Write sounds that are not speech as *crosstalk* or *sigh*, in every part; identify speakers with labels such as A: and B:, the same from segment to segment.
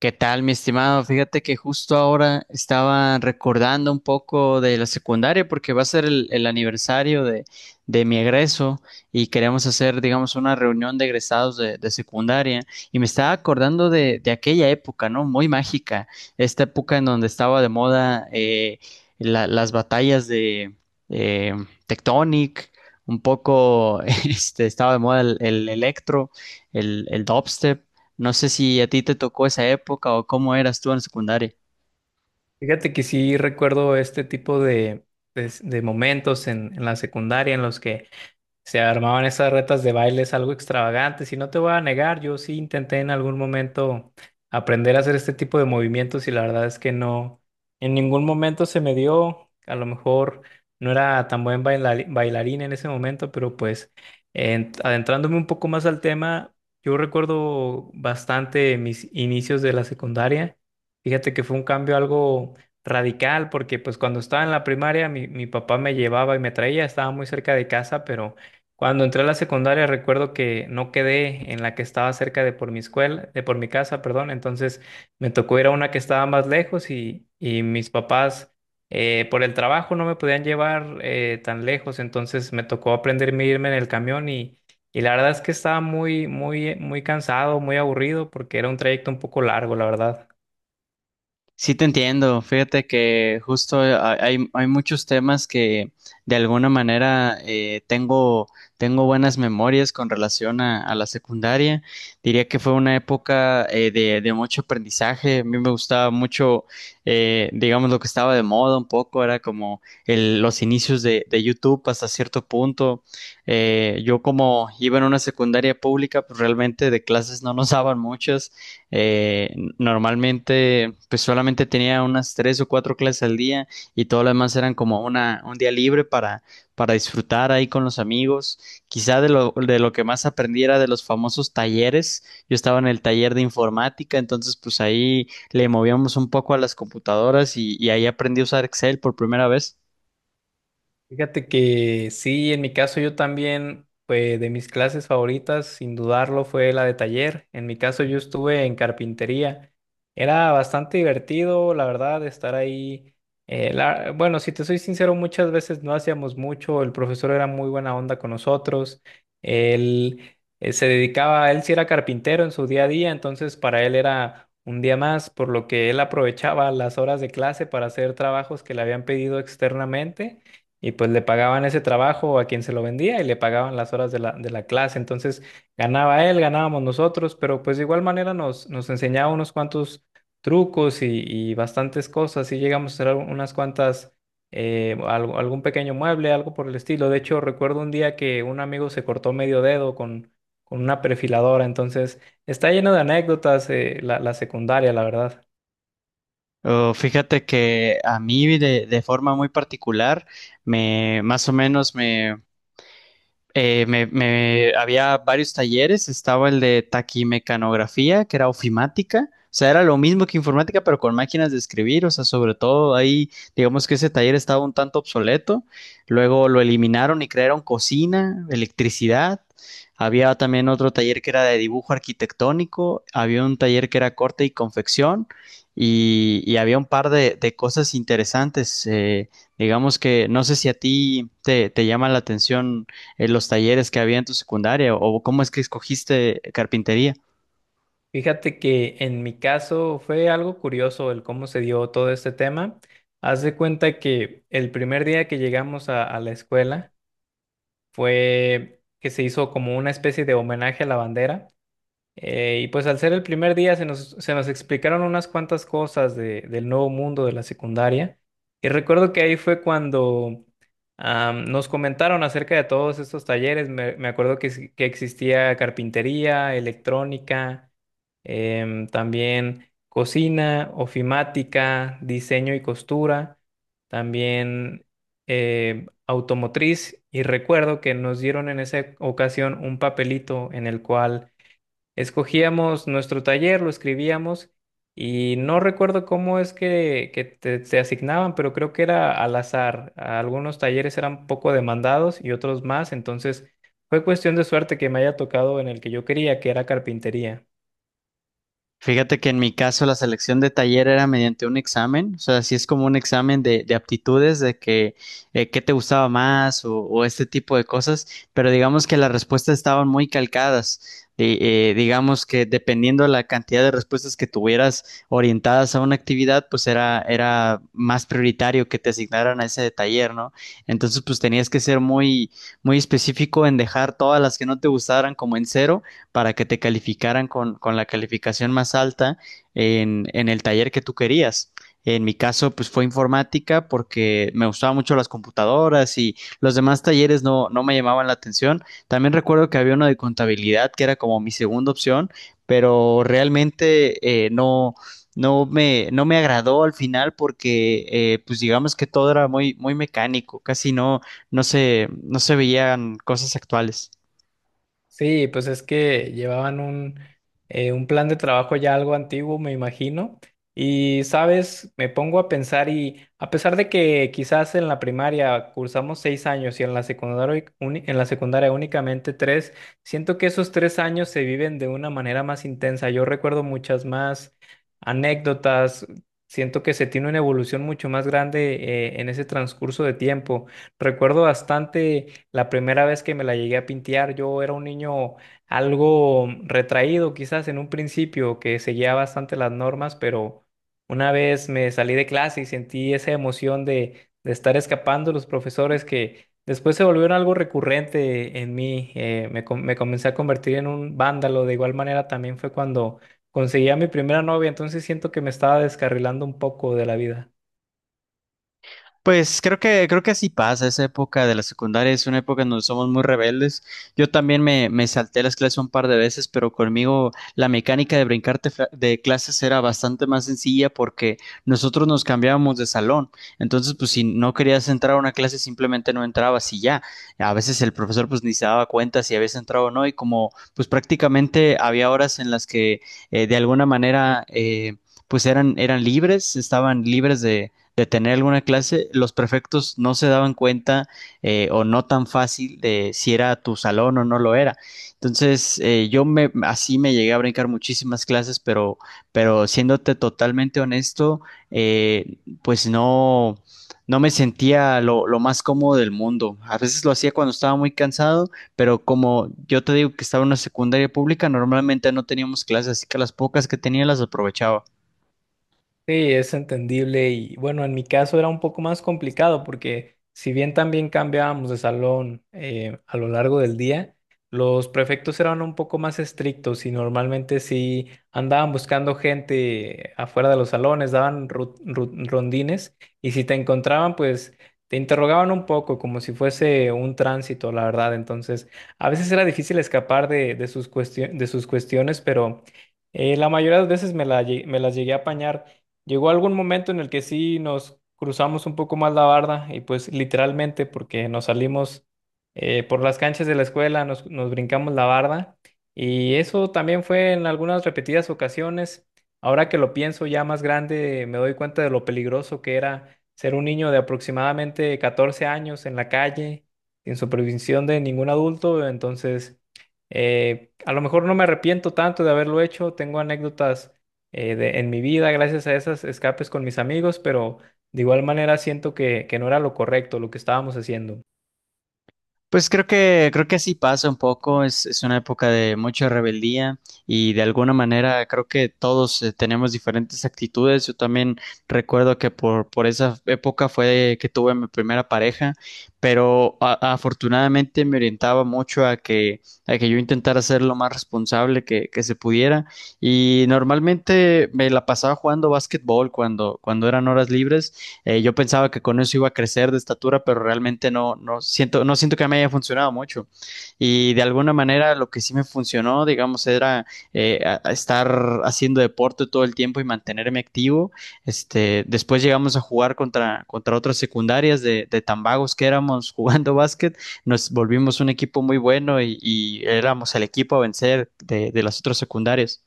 A: ¿Qué tal, mi estimado? Fíjate que justo ahora estaba recordando un poco de la secundaria porque va a ser el aniversario de mi egreso y queremos hacer, digamos, una reunión de egresados de secundaria y me estaba acordando de aquella época, ¿no? Muy mágica, esta época en donde estaba de moda las batallas de eh, Tectonic, un poco, *laughs* este, estaba de moda el electro, el dubstep. No sé si a ti te tocó esa época o cómo eras tú en secundaria.
B: Fíjate que sí recuerdo este tipo de momentos en la secundaria en los que se armaban esas retas de bailes algo extravagantes y no te voy a negar, yo sí intenté en algún momento aprender a hacer este tipo de movimientos y la verdad es que no, en ningún momento se me dio, a lo mejor no era tan bailarín en ese momento, pero pues adentrándome un poco más al tema, yo recuerdo bastante mis inicios de la secundaria. Fíjate que fue un cambio algo radical porque pues cuando estaba en la primaria mi papá me llevaba y me traía, estaba muy cerca de casa, pero cuando entré a la secundaria recuerdo que no quedé en la que estaba cerca de por mi escuela, de por mi casa, perdón. Entonces me tocó ir a una que estaba más lejos y mis papás, por el trabajo no me podían llevar tan lejos, entonces me tocó aprenderme a irme en el camión, y la verdad es que estaba muy, muy, muy cansado, muy aburrido porque era un trayecto un poco largo, la verdad.
A: Sí, te entiendo. Fíjate que justo hay muchos temas que de alguna manera tengo buenas memorias con relación a la secundaria. Diría que fue una época de mucho aprendizaje. A mí me gustaba mucho, digamos, lo que estaba de moda un poco, era como los inicios de YouTube hasta cierto punto. Yo como iba en una secundaria pública, pues realmente de clases no nos *laughs* daban muchas. Eh, Normalmente, pues solamente tenía unas tres o cuatro clases al día y todo lo demás eran como un día libre para disfrutar ahí con los amigos. Quizá de lo que más aprendí era de los famosos talleres. Yo estaba en el taller de informática, entonces pues ahí le movíamos un poco a las computadoras y ahí aprendí a usar Excel por primera vez.
B: Fíjate que sí, en mi caso yo también, pues de mis clases favoritas, sin dudarlo, fue la de taller. En mi caso yo estuve en carpintería. Era bastante divertido, la verdad, estar ahí. Bueno, si te soy sincero, muchas veces no hacíamos mucho. El profesor era muy buena onda con nosotros. Él se dedicaba, él sí era carpintero en su día a día, entonces para él era un día más, por lo que él aprovechaba las horas de clase para hacer trabajos que le habían pedido externamente. Y pues le pagaban ese trabajo a quien se lo vendía, y le pagaban las horas de la clase. Entonces ganaba él, ganábamos nosotros, pero pues de igual manera nos enseñaba unos cuantos trucos y bastantes cosas. Y llegamos a hacer unas cuantas, algún pequeño mueble, algo por el estilo. De hecho, recuerdo un día que un amigo se cortó medio dedo con una perfiladora. Entonces está lleno de anécdotas, la, la secundaria, la verdad.
A: Oh, fíjate que a mí de forma muy particular, más o menos había varios talleres, estaba el de taquimecanografía, que era ofimática, o sea, era lo mismo que informática, pero con máquinas de escribir, o sea, sobre todo ahí, digamos que ese taller estaba un tanto obsoleto, luego lo eliminaron y crearon cocina, electricidad, había también otro taller que era de dibujo arquitectónico, había un taller que era corte y confección, y había un par de cosas interesantes, digamos que no sé si a te llama la atención ¿los talleres que había en tu secundaria o cómo es que escogiste carpintería?
B: Fíjate que en mi caso fue algo curioso el cómo se dio todo este tema. Haz de cuenta que el primer día que llegamos a la escuela fue que se hizo como una especie de homenaje a la bandera. Y pues al ser el primer día se nos explicaron unas cuantas cosas del nuevo mundo de la secundaria. Y recuerdo que ahí fue cuando nos comentaron acerca de todos estos talleres. Me acuerdo que, que existía carpintería, electrónica, también cocina, ofimática, diseño y costura, también automotriz. Y recuerdo que nos dieron en esa ocasión un papelito en el cual escogíamos nuestro taller, lo escribíamos, y no recuerdo cómo es que, te asignaban, pero creo que era al azar. Algunos talleres eran poco demandados y otros más, entonces fue cuestión de suerte que me haya tocado en el que yo quería, que era carpintería.
A: Fíjate que en mi caso la selección de taller era mediante un examen, o sea, sí es como un examen de aptitudes, de que qué te gustaba más o este tipo de cosas, pero digamos que las respuestas estaban muy calcadas. Y digamos que dependiendo la cantidad de respuestas que tuvieras orientadas a una actividad, pues era más prioritario que te asignaran a ese taller, ¿no? Entonces, pues tenías que ser muy específico en dejar todas las que no te gustaran como en cero para que te calificaran con la calificación más alta en el taller que tú querías. En mi caso, pues fue informática porque me gustaban mucho las computadoras y los demás talleres no, no me llamaban la atención. También recuerdo que había uno de contabilidad que era como mi segunda opción, pero realmente no me agradó al final porque pues digamos que todo era muy mecánico, casi no se veían cosas actuales.
B: Sí, pues es que llevaban un plan de trabajo ya algo antiguo, me imagino. Y, sabes, me pongo a pensar, y a pesar de que quizás en la primaria cursamos 6 años y en la secundaria, en la secundaria únicamente tres, siento que esos tres años se viven de una manera más intensa. Yo recuerdo muchas más anécdotas, siento que se tiene una evolución mucho más grande, en ese transcurso de tiempo. Recuerdo bastante la primera vez que me la llegué a pintear. Yo era un niño algo retraído, quizás en un principio, que seguía bastante las normas, pero una vez me salí de clase y sentí esa emoción de estar escapando de los profesores, que después se volvieron algo recurrente en mí. Me me comencé a convertir en un vándalo. De igual manera, también fue cuando conseguí a mi primera novia, entonces siento que me estaba descarrilando un poco de la vida.
A: Pues creo que así pasa, esa época de la secundaria es una época en donde somos muy rebeldes. Yo también me salté las clases un par de veces, pero conmigo la mecánica de de clases era bastante más sencilla porque nosotros nos cambiábamos de salón. Entonces, pues si no querías entrar a una clase, simplemente no entrabas y ya. A veces el profesor pues ni se daba cuenta si habías entrado o no y como pues prácticamente había horas en las que de alguna manera pues eran libres, estaban libres de tener alguna clase, los prefectos no se daban cuenta o no tan fácil de si era tu salón o no lo era. Entonces, así me llegué a brincar muchísimas clases, pero siéndote totalmente honesto, pues no me sentía lo más cómodo del mundo. A veces lo hacía cuando estaba muy cansado, pero como yo te digo que estaba en una secundaria pública, normalmente no teníamos clases, así que las pocas que tenía las aprovechaba.
B: Sí, es entendible, y bueno, en mi caso era un poco más complicado, porque si bien también cambiábamos de salón a lo largo del día, los prefectos eran un poco más estrictos y normalmente sí andaban buscando gente afuera de los salones, daban rondines, y si te encontraban, pues te interrogaban un poco como si fuese un tránsito, la verdad. Entonces, a veces era difícil escapar de de sus cuestiones, pero la mayoría de las veces me las llegué a apañar. Llegó algún momento en el que sí nos cruzamos un poco más la barda, y pues literalmente, porque nos salimos por las canchas de la escuela, nos brincamos la barda, y eso también fue en algunas repetidas ocasiones. Ahora que lo pienso ya más grande, me doy cuenta de lo peligroso que era ser un niño de aproximadamente 14 años en la calle, sin supervisión de ningún adulto. Entonces, a lo mejor no me arrepiento tanto de haberlo hecho, tengo anécdotas en mi vida gracias a esas escapes con mis amigos, pero de igual manera siento que no era lo correcto lo que estábamos haciendo.
A: Pues creo que así pasa un poco, es una época de mucha rebeldía y de alguna manera creo que todos tenemos diferentes actitudes. Yo también recuerdo que por esa época fue que tuve mi primera pareja, pero afortunadamente me orientaba mucho a a que yo intentara ser lo más responsable que se pudiera y normalmente me la pasaba jugando básquetbol cuando eran horas libres. Yo pensaba que con eso iba a crecer de estatura, pero realmente no siento que me haya funcionado mucho. Y de alguna manera lo que sí me funcionó, digamos, era a estar haciendo deporte todo el tiempo y mantenerme activo. Este, después llegamos a jugar contra otras secundarias de tan vagos que éramos jugando *laughs* básquet. Nos volvimos un equipo muy bueno y éramos el equipo a vencer de las otras secundarias.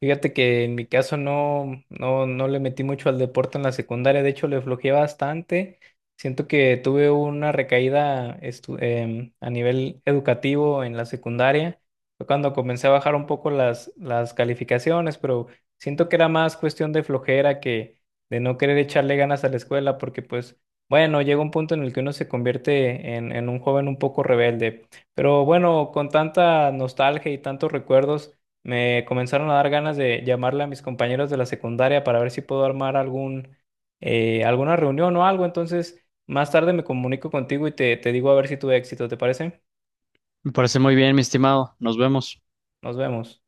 B: Fíjate que en mi caso no, no, no le metí mucho al deporte en la secundaria, de hecho le flojeé bastante. Siento que tuve una recaída a nivel educativo en la secundaria. Fue cuando comencé a bajar un poco las calificaciones, pero siento que era más cuestión de flojera que de no querer echarle ganas a la escuela, porque pues bueno, llega un punto en el que uno se convierte en un joven un poco rebelde. Pero bueno, con tanta nostalgia y tantos recuerdos, me comenzaron a dar ganas de llamarle a mis compañeros de la secundaria para ver si puedo armar alguna reunión o algo. Entonces, más tarde me comunico contigo y te digo a ver si tuve éxito, ¿te parece?
A: Me parece muy bien, mi estimado. Nos vemos.
B: Nos vemos.